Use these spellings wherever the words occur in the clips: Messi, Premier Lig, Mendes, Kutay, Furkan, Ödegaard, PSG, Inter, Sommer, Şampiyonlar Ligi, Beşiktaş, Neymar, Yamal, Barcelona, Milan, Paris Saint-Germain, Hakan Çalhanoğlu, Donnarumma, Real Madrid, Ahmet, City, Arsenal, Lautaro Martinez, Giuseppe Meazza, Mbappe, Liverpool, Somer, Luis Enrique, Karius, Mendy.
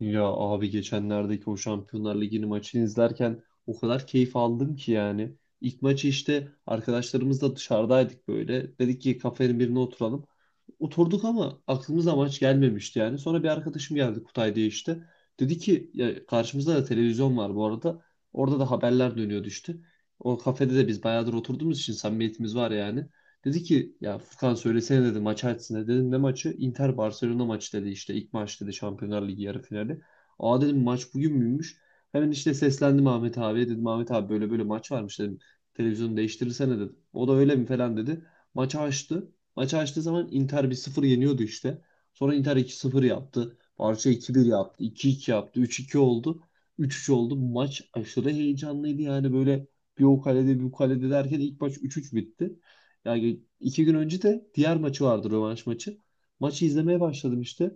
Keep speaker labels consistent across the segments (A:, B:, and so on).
A: Ya abi geçenlerdeki o Şampiyonlar Ligi'nin maçını izlerken o kadar keyif aldım ki yani. İlk maçı işte arkadaşlarımızla dışarıdaydık böyle. Dedik ki kafenin birine oturalım. Oturduk ama aklımıza maç gelmemişti yani. Sonra bir arkadaşım geldi Kutay diye işte. Dedi ki ya karşımızda da televizyon var bu arada. Orada da haberler dönüyordu işte. O kafede de biz bayağıdır oturduğumuz için samimiyetimiz var yani. Dedi ki ya Furkan, söylesene dedi, maç açsın dedi. Dedim ne maçı? Inter Barcelona maçı dedi, işte ilk maç dedi, Şampiyonlar Ligi yarı finali. Aa dedim, maç bugün müymüş? Hemen işte seslendim Ahmet abiye, dedim Ahmet abi böyle böyle maç varmış dedim. Televizyonu değiştirirsene dedim. O da öyle mi falan dedi. Maçı açtı. Maçı açtığı zaman Inter 1-0 yeniyordu işte. Sonra Inter 2-0 yaptı. Barça 2-1 yaptı. 2-2 yaptı. 3-2 oldu. 3-3 oldu. Maç aşırı heyecanlıydı yani, böyle bir o kalede bir bu kalede derken ilk maç 3-3 bitti. Yani iki gün önce de diğer maçı vardı, rövanş maçı. Maçı izlemeye başladım işte.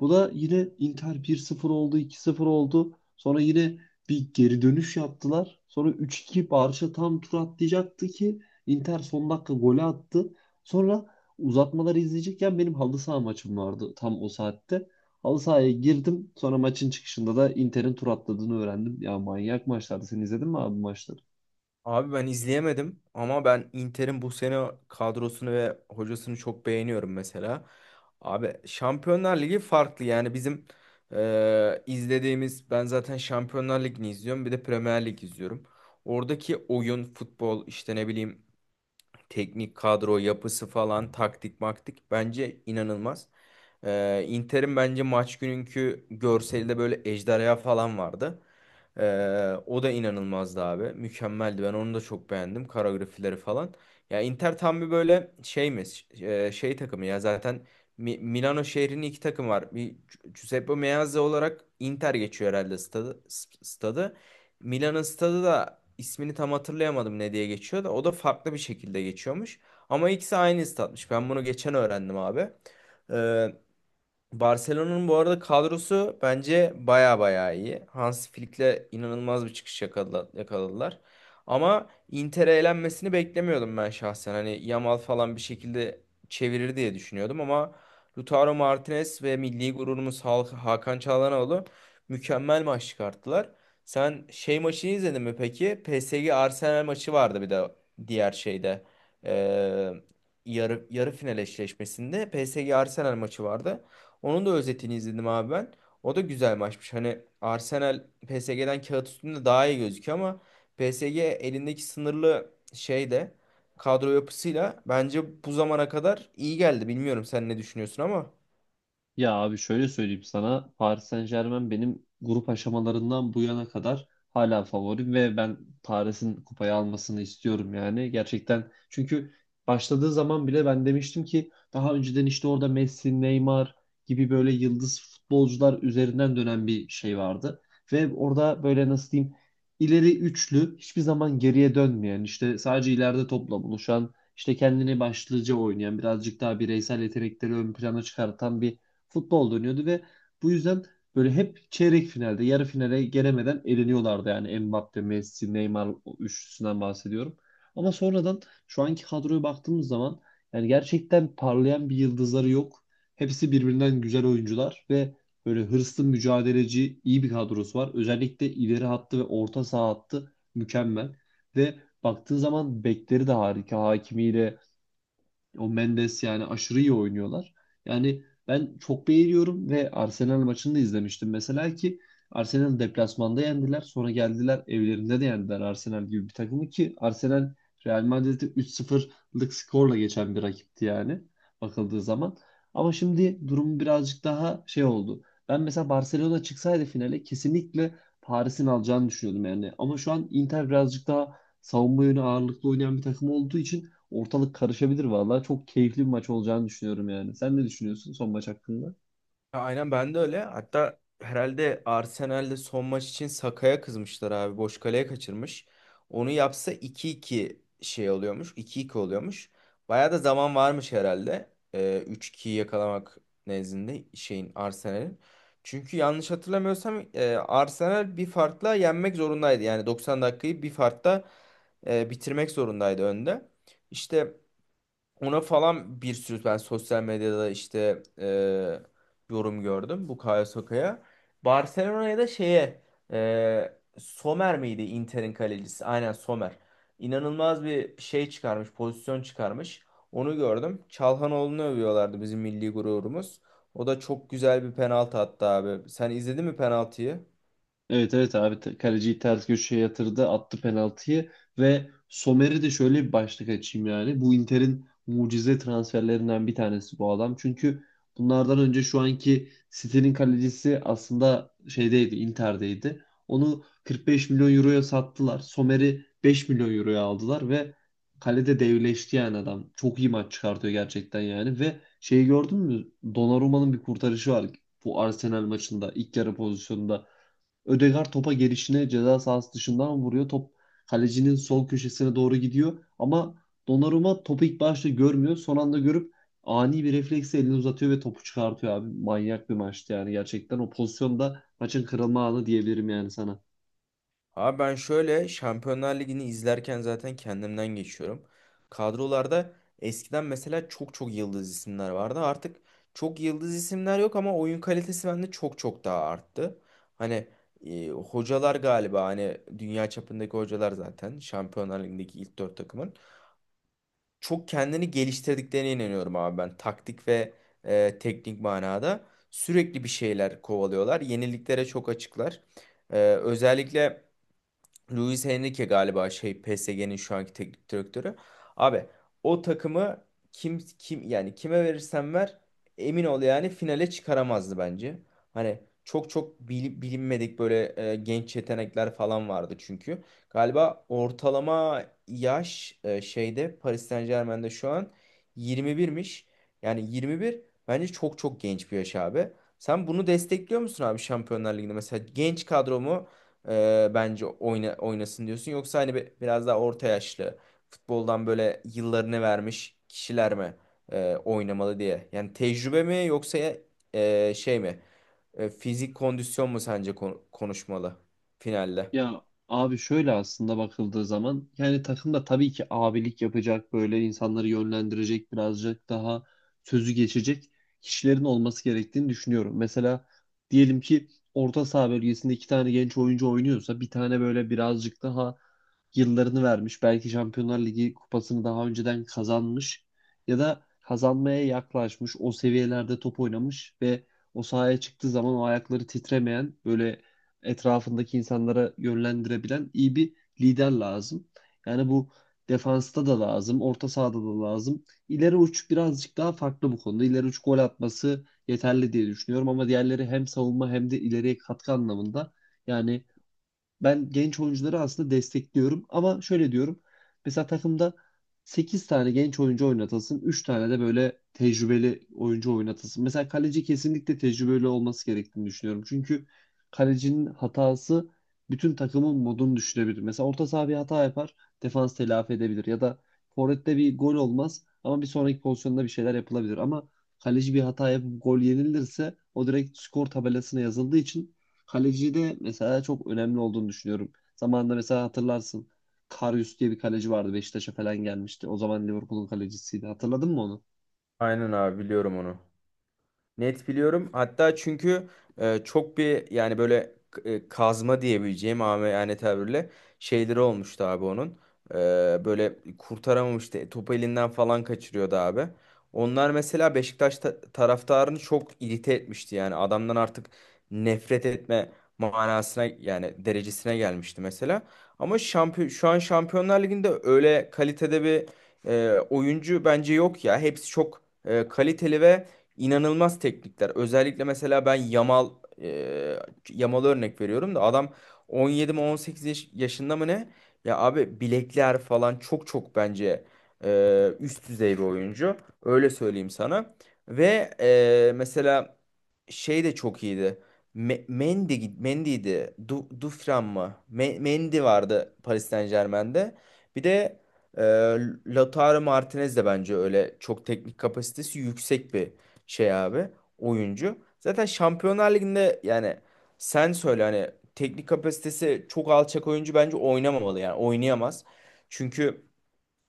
A: Bu da yine Inter 1-0 oldu, 2-0 oldu. Sonra yine bir geri dönüş yaptılar. Sonra üç 2 Barça tam tur atlayacaktı ki Inter son dakika golü attı. Sonra uzatmaları izleyecekken benim halı saha maçım vardı tam o saatte. Halı sahaya girdim. Sonra maçın çıkışında da Inter'in tur atladığını öğrendim. Ya manyak maçlardı. Sen izledin mi abi bu maçları?
B: Abi ben izleyemedim ama ben Inter'in bu sene kadrosunu ve hocasını çok beğeniyorum mesela. Abi Şampiyonlar Ligi farklı, yani bizim izlediğimiz, ben zaten Şampiyonlar Ligi'ni izliyorum, bir de Premier Lig izliyorum. Oradaki oyun, futbol, işte ne bileyim, teknik kadro yapısı falan, taktik maktik bence inanılmaz. Inter'in bence maç gününkü görselde böyle ejderha falan vardı. Ee, O da inanılmazdı abi. Mükemmeldi. Ben onu da çok beğendim. Koreografileri falan. Ya Inter tam bir böyle şey mi? Şey takımı ya zaten. Milano şehrinin iki takım var. Bir Giuseppe Meazza olarak Inter geçiyor herhalde stadı. Stadı. Milan'ın stadı da, ismini tam hatırlayamadım ne diye geçiyor da, o da farklı bir şekilde geçiyormuş. Ama ikisi aynı statmış. Ben bunu geçen öğrendim abi. Ee, Barcelona'nın bu arada kadrosu bence baya baya iyi. Hans Flick'le inanılmaz bir çıkış yakaladılar. Ama Inter'e elenmesini beklemiyordum ben şahsen. Hani Yamal falan bir şekilde çevirir diye düşünüyordum ama Lautaro Martinez ve milli gururumuz Hakan Çalhanoğlu mükemmel maç çıkarttılar. Sen şey maçını izledin mi peki? PSG Arsenal maçı vardı bir de diğer şeyde. Ee, yarı final eşleşmesinde PSG Arsenal maçı vardı. Onun da özetini izledim abi ben. O da güzel maçmış. Hani Arsenal PSG'den kağıt üstünde daha iyi gözüküyor ama PSG elindeki sınırlı şeyde kadro yapısıyla bence bu zamana kadar iyi geldi. Bilmiyorum sen ne düşünüyorsun ama.
A: Ya abi şöyle söyleyeyim sana. Paris Saint-Germain benim grup aşamalarından bu yana kadar hala favorim ve ben Paris'in kupayı almasını istiyorum yani. Gerçekten, çünkü başladığı zaman bile ben demiştim ki daha önceden işte orada Messi, Neymar gibi böyle yıldız futbolcular üzerinden dönen bir şey vardı. Ve orada böyle, nasıl diyeyim, ileri üçlü hiçbir zaman geriye dönmeyen, işte sadece ileride topla buluşan, işte kendini başlıca oynayan, birazcık daha bireysel yetenekleri ön plana çıkartan bir futbol dönüyordu ve bu yüzden böyle hep çeyrek finalde, yarı finale gelemeden eleniyorlardı. Yani Mbappe, Messi, Neymar üçlüsünden bahsediyorum. Ama sonradan şu anki kadroya baktığımız zaman yani gerçekten parlayan bir yıldızları yok. Hepsi birbirinden güzel oyuncular ve böyle hırslı, mücadeleci, iyi bir kadrosu var. Özellikle ileri hattı ve orta saha hattı mükemmel. Ve baktığın zaman bekleri de harika. Hakimiyle o Mendes yani aşırı iyi oynuyorlar. Yani ben çok beğeniyorum ve Arsenal maçını da izlemiştim mesela ki Arsenal deplasmanda yendiler. Sonra geldiler, evlerinde de yendiler Arsenal gibi bir takımı ki Arsenal Real Madrid'i 3-0'lık skorla geçen bir rakipti yani, bakıldığı zaman. Ama şimdi durum birazcık daha şey oldu. Ben mesela Barcelona çıksaydı finale kesinlikle Paris'in alacağını düşünüyordum yani. Ama şu an Inter birazcık daha savunma yönü ağırlıklı oynayan bir takım olduğu için ortalık karışabilir vallahi. Çok keyifli bir maç olacağını düşünüyorum yani. Sen ne düşünüyorsun son maç hakkında?
B: Ya aynen, ben de öyle. Hatta herhalde Arsenal'de son maç için Saka'ya kızmışlar abi. Boş kaleye kaçırmış. Onu yapsa iki iki şey oluyormuş. İki iki oluyormuş. Bayağı da zaman varmış herhalde. 3-2'yi yakalamak nezdinde şeyin, Arsenal'in. Çünkü yanlış hatırlamıyorsam Arsenal bir farkla yenmek zorundaydı. Yani 90 dakikayı bir farkla bitirmek zorundaydı önde. İşte ona falan bir sürü ben sosyal medyada işte yorum gördüm bu Bukayo Saka'ya. Barcelona'ya da şeye, Sommer miydi Inter'in kalecisi? Aynen, Sommer. İnanılmaz bir şey çıkarmış, pozisyon çıkarmış. Onu gördüm. Çalhanoğlu'nu övüyorlardı, bizim milli gururumuz. O da çok güzel bir penaltı attı abi. Sen izledin mi penaltıyı?
A: Evet evet abi, kaleciyi ters köşeye yatırdı, attı penaltıyı. Ve Somer'i de, şöyle bir başlık açayım yani, bu Inter'in mucize transferlerinden bir tanesi bu adam. Çünkü bunlardan önce şu anki City'nin kalecisi aslında şeydeydi, Inter'deydi. Onu 45 milyon euroya sattılar, Somer'i 5 milyon euroya aldılar ve kalede devleşti yani. Adam çok iyi maç çıkartıyor gerçekten yani. Ve şeyi gördün mü, Donnarumma'nın bir kurtarışı var bu Arsenal maçında, ilk yarı pozisyonunda. Ödegaard topa gelişine ceza sahası dışından vuruyor. Top kalecinin sol köşesine doğru gidiyor. Ama Donnarumma topu ilk başta görmüyor. Son anda görüp ani bir refleksle elini uzatıyor ve topu çıkartıyor abi. Manyak bir maçtı yani gerçekten. O pozisyonda maçın kırılma anı diyebilirim yani sana.
B: Abi ben şöyle, Şampiyonlar Ligi'ni izlerken zaten kendimden geçiyorum. Kadrolarda eskiden mesela çok çok yıldız isimler vardı. Artık çok yıldız isimler yok ama oyun kalitesi bende çok çok daha arttı. Hani hocalar galiba, hani dünya çapındaki hocalar zaten Şampiyonlar Ligi'ndeki ilk dört takımın, çok kendini geliştirdiklerine inanıyorum abi ben. Taktik ve teknik manada sürekli bir şeyler kovalıyorlar. Yeniliklere çok açıklar. Özellikle Luis Enrique galiba şey, PSG'nin şu anki teknik direktörü. Abi o takımı kim yani, kime verirsen ver, emin ol yani finale çıkaramazdı bence. Hani çok çok bilinmedik böyle genç yetenekler falan vardı çünkü. Galiba ortalama yaş şeyde, Paris Saint-Germain'de şu an 21'miş. Yani 21 bence çok çok genç bir yaş abi. Sen bunu destekliyor musun abi Şampiyonlar Ligi'nde? Mesela genç kadromu, bence oynasın diyorsun. Yoksa hani biraz daha orta yaşlı, futboldan böyle yıllarını vermiş kişiler mi oynamalı diye. Yani tecrübe mi, yoksa şey mi? Fizik kondisyon mu sence konuşmalı finalde?
A: Ya abi şöyle, aslında bakıldığı zaman yani takımda tabii ki abilik yapacak, böyle insanları yönlendirecek, birazcık daha sözü geçecek kişilerin olması gerektiğini düşünüyorum. Mesela diyelim ki orta saha bölgesinde iki tane genç oyuncu oynuyorsa bir tane böyle birazcık daha yıllarını vermiş, belki Şampiyonlar Ligi kupasını daha önceden kazanmış ya da kazanmaya yaklaşmış, o seviyelerde top oynamış ve o sahaya çıktığı zaman o ayakları titremeyen, böyle etrafındaki insanlara yönlendirebilen iyi bir lider lazım. Yani bu defansta da lazım, orta sahada da lazım. İleri uç birazcık daha farklı bu konuda. İleri uç gol atması yeterli diye düşünüyorum ama diğerleri hem savunma hem de ileriye katkı anlamında, yani ben genç oyuncuları aslında destekliyorum, ama şöyle diyorum. Mesela takımda 8 tane genç oyuncu oynatılsın, 3 tane de böyle tecrübeli oyuncu oynatılsın. Mesela kaleci kesinlikle tecrübeli olması gerektiğini düşünüyorum. Çünkü kalecinin hatası bütün takımın modunu düşürebilir. Mesela orta saha bir hata yapar, defans telafi edebilir ya da forvette bir gol olmaz ama bir sonraki pozisyonda bir şeyler yapılabilir. Ama kaleci bir hata yapıp gol yenilirse o direkt skor tabelasına yazıldığı için, kalecide mesela çok önemli olduğunu düşünüyorum. Zamanında mesela hatırlarsın. Karius diye bir kaleci vardı. Beşiktaş'a falan gelmişti. O zaman Liverpool'un kalecisiydi. Hatırladın mı onu?
B: Aynen abi, biliyorum onu. Net biliyorum. Hatta çünkü çok bir yani böyle kazma diyebileceğim ama, yani tabirle, şeyleri olmuştu abi onun. E, böyle kurtaramamıştı. Topu elinden falan kaçırıyordu abi. Onlar mesela Beşiktaş taraftarını çok irite etmişti. Yani adamdan artık nefret etme manasına, yani derecesine gelmişti mesela. Ama şampiyon şu an Şampiyonlar Ligi'nde öyle kalitede bir oyuncu bence yok ya. Hepsi çok kaliteli ve inanılmaz teknikler. Özellikle mesela ben e, Yamal'a örnek veriyorum da, adam 17 mi 18 yaşında mı ne? Ya abi bilekler falan çok çok bence üst düzey bir oyuncu. Öyle söyleyeyim sana. Ve mesela şey de çok iyiydi. Mendy'di. Dufran mı? Mendy vardı Paris Saint-Germain'de. Bir de e, Lautaro Martinez de bence öyle çok teknik kapasitesi yüksek bir şey abi, oyuncu. Zaten Şampiyonlar Ligi'nde, yani sen söyle, hani teknik kapasitesi çok alçak oyuncu bence oynamamalı, yani oynayamaz. Çünkü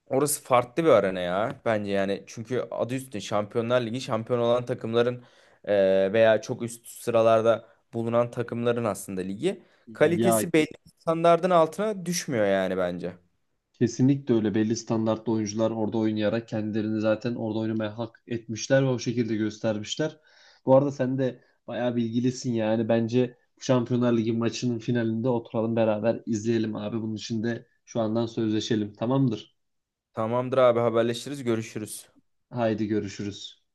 B: orası farklı bir arena ya bence, yani çünkü adı üstünde Şampiyonlar Ligi, şampiyon olan takımların veya çok üst sıralarda bulunan takımların aslında ligi,
A: Ya
B: kalitesi belli standardın altına düşmüyor yani bence.
A: kesinlikle öyle. Belli standartlı oyuncular orada oynayarak kendilerini zaten orada oynamaya hak etmişler ve o şekilde göstermişler. Bu arada sen de bayağı bilgilisin yani. Bence bu Şampiyonlar Ligi maçının finalinde oturalım, beraber izleyelim abi. Bunun için de şu andan sözleşelim. Tamamdır.
B: Tamamdır abi, haberleşiriz, görüşürüz.
A: Haydi görüşürüz.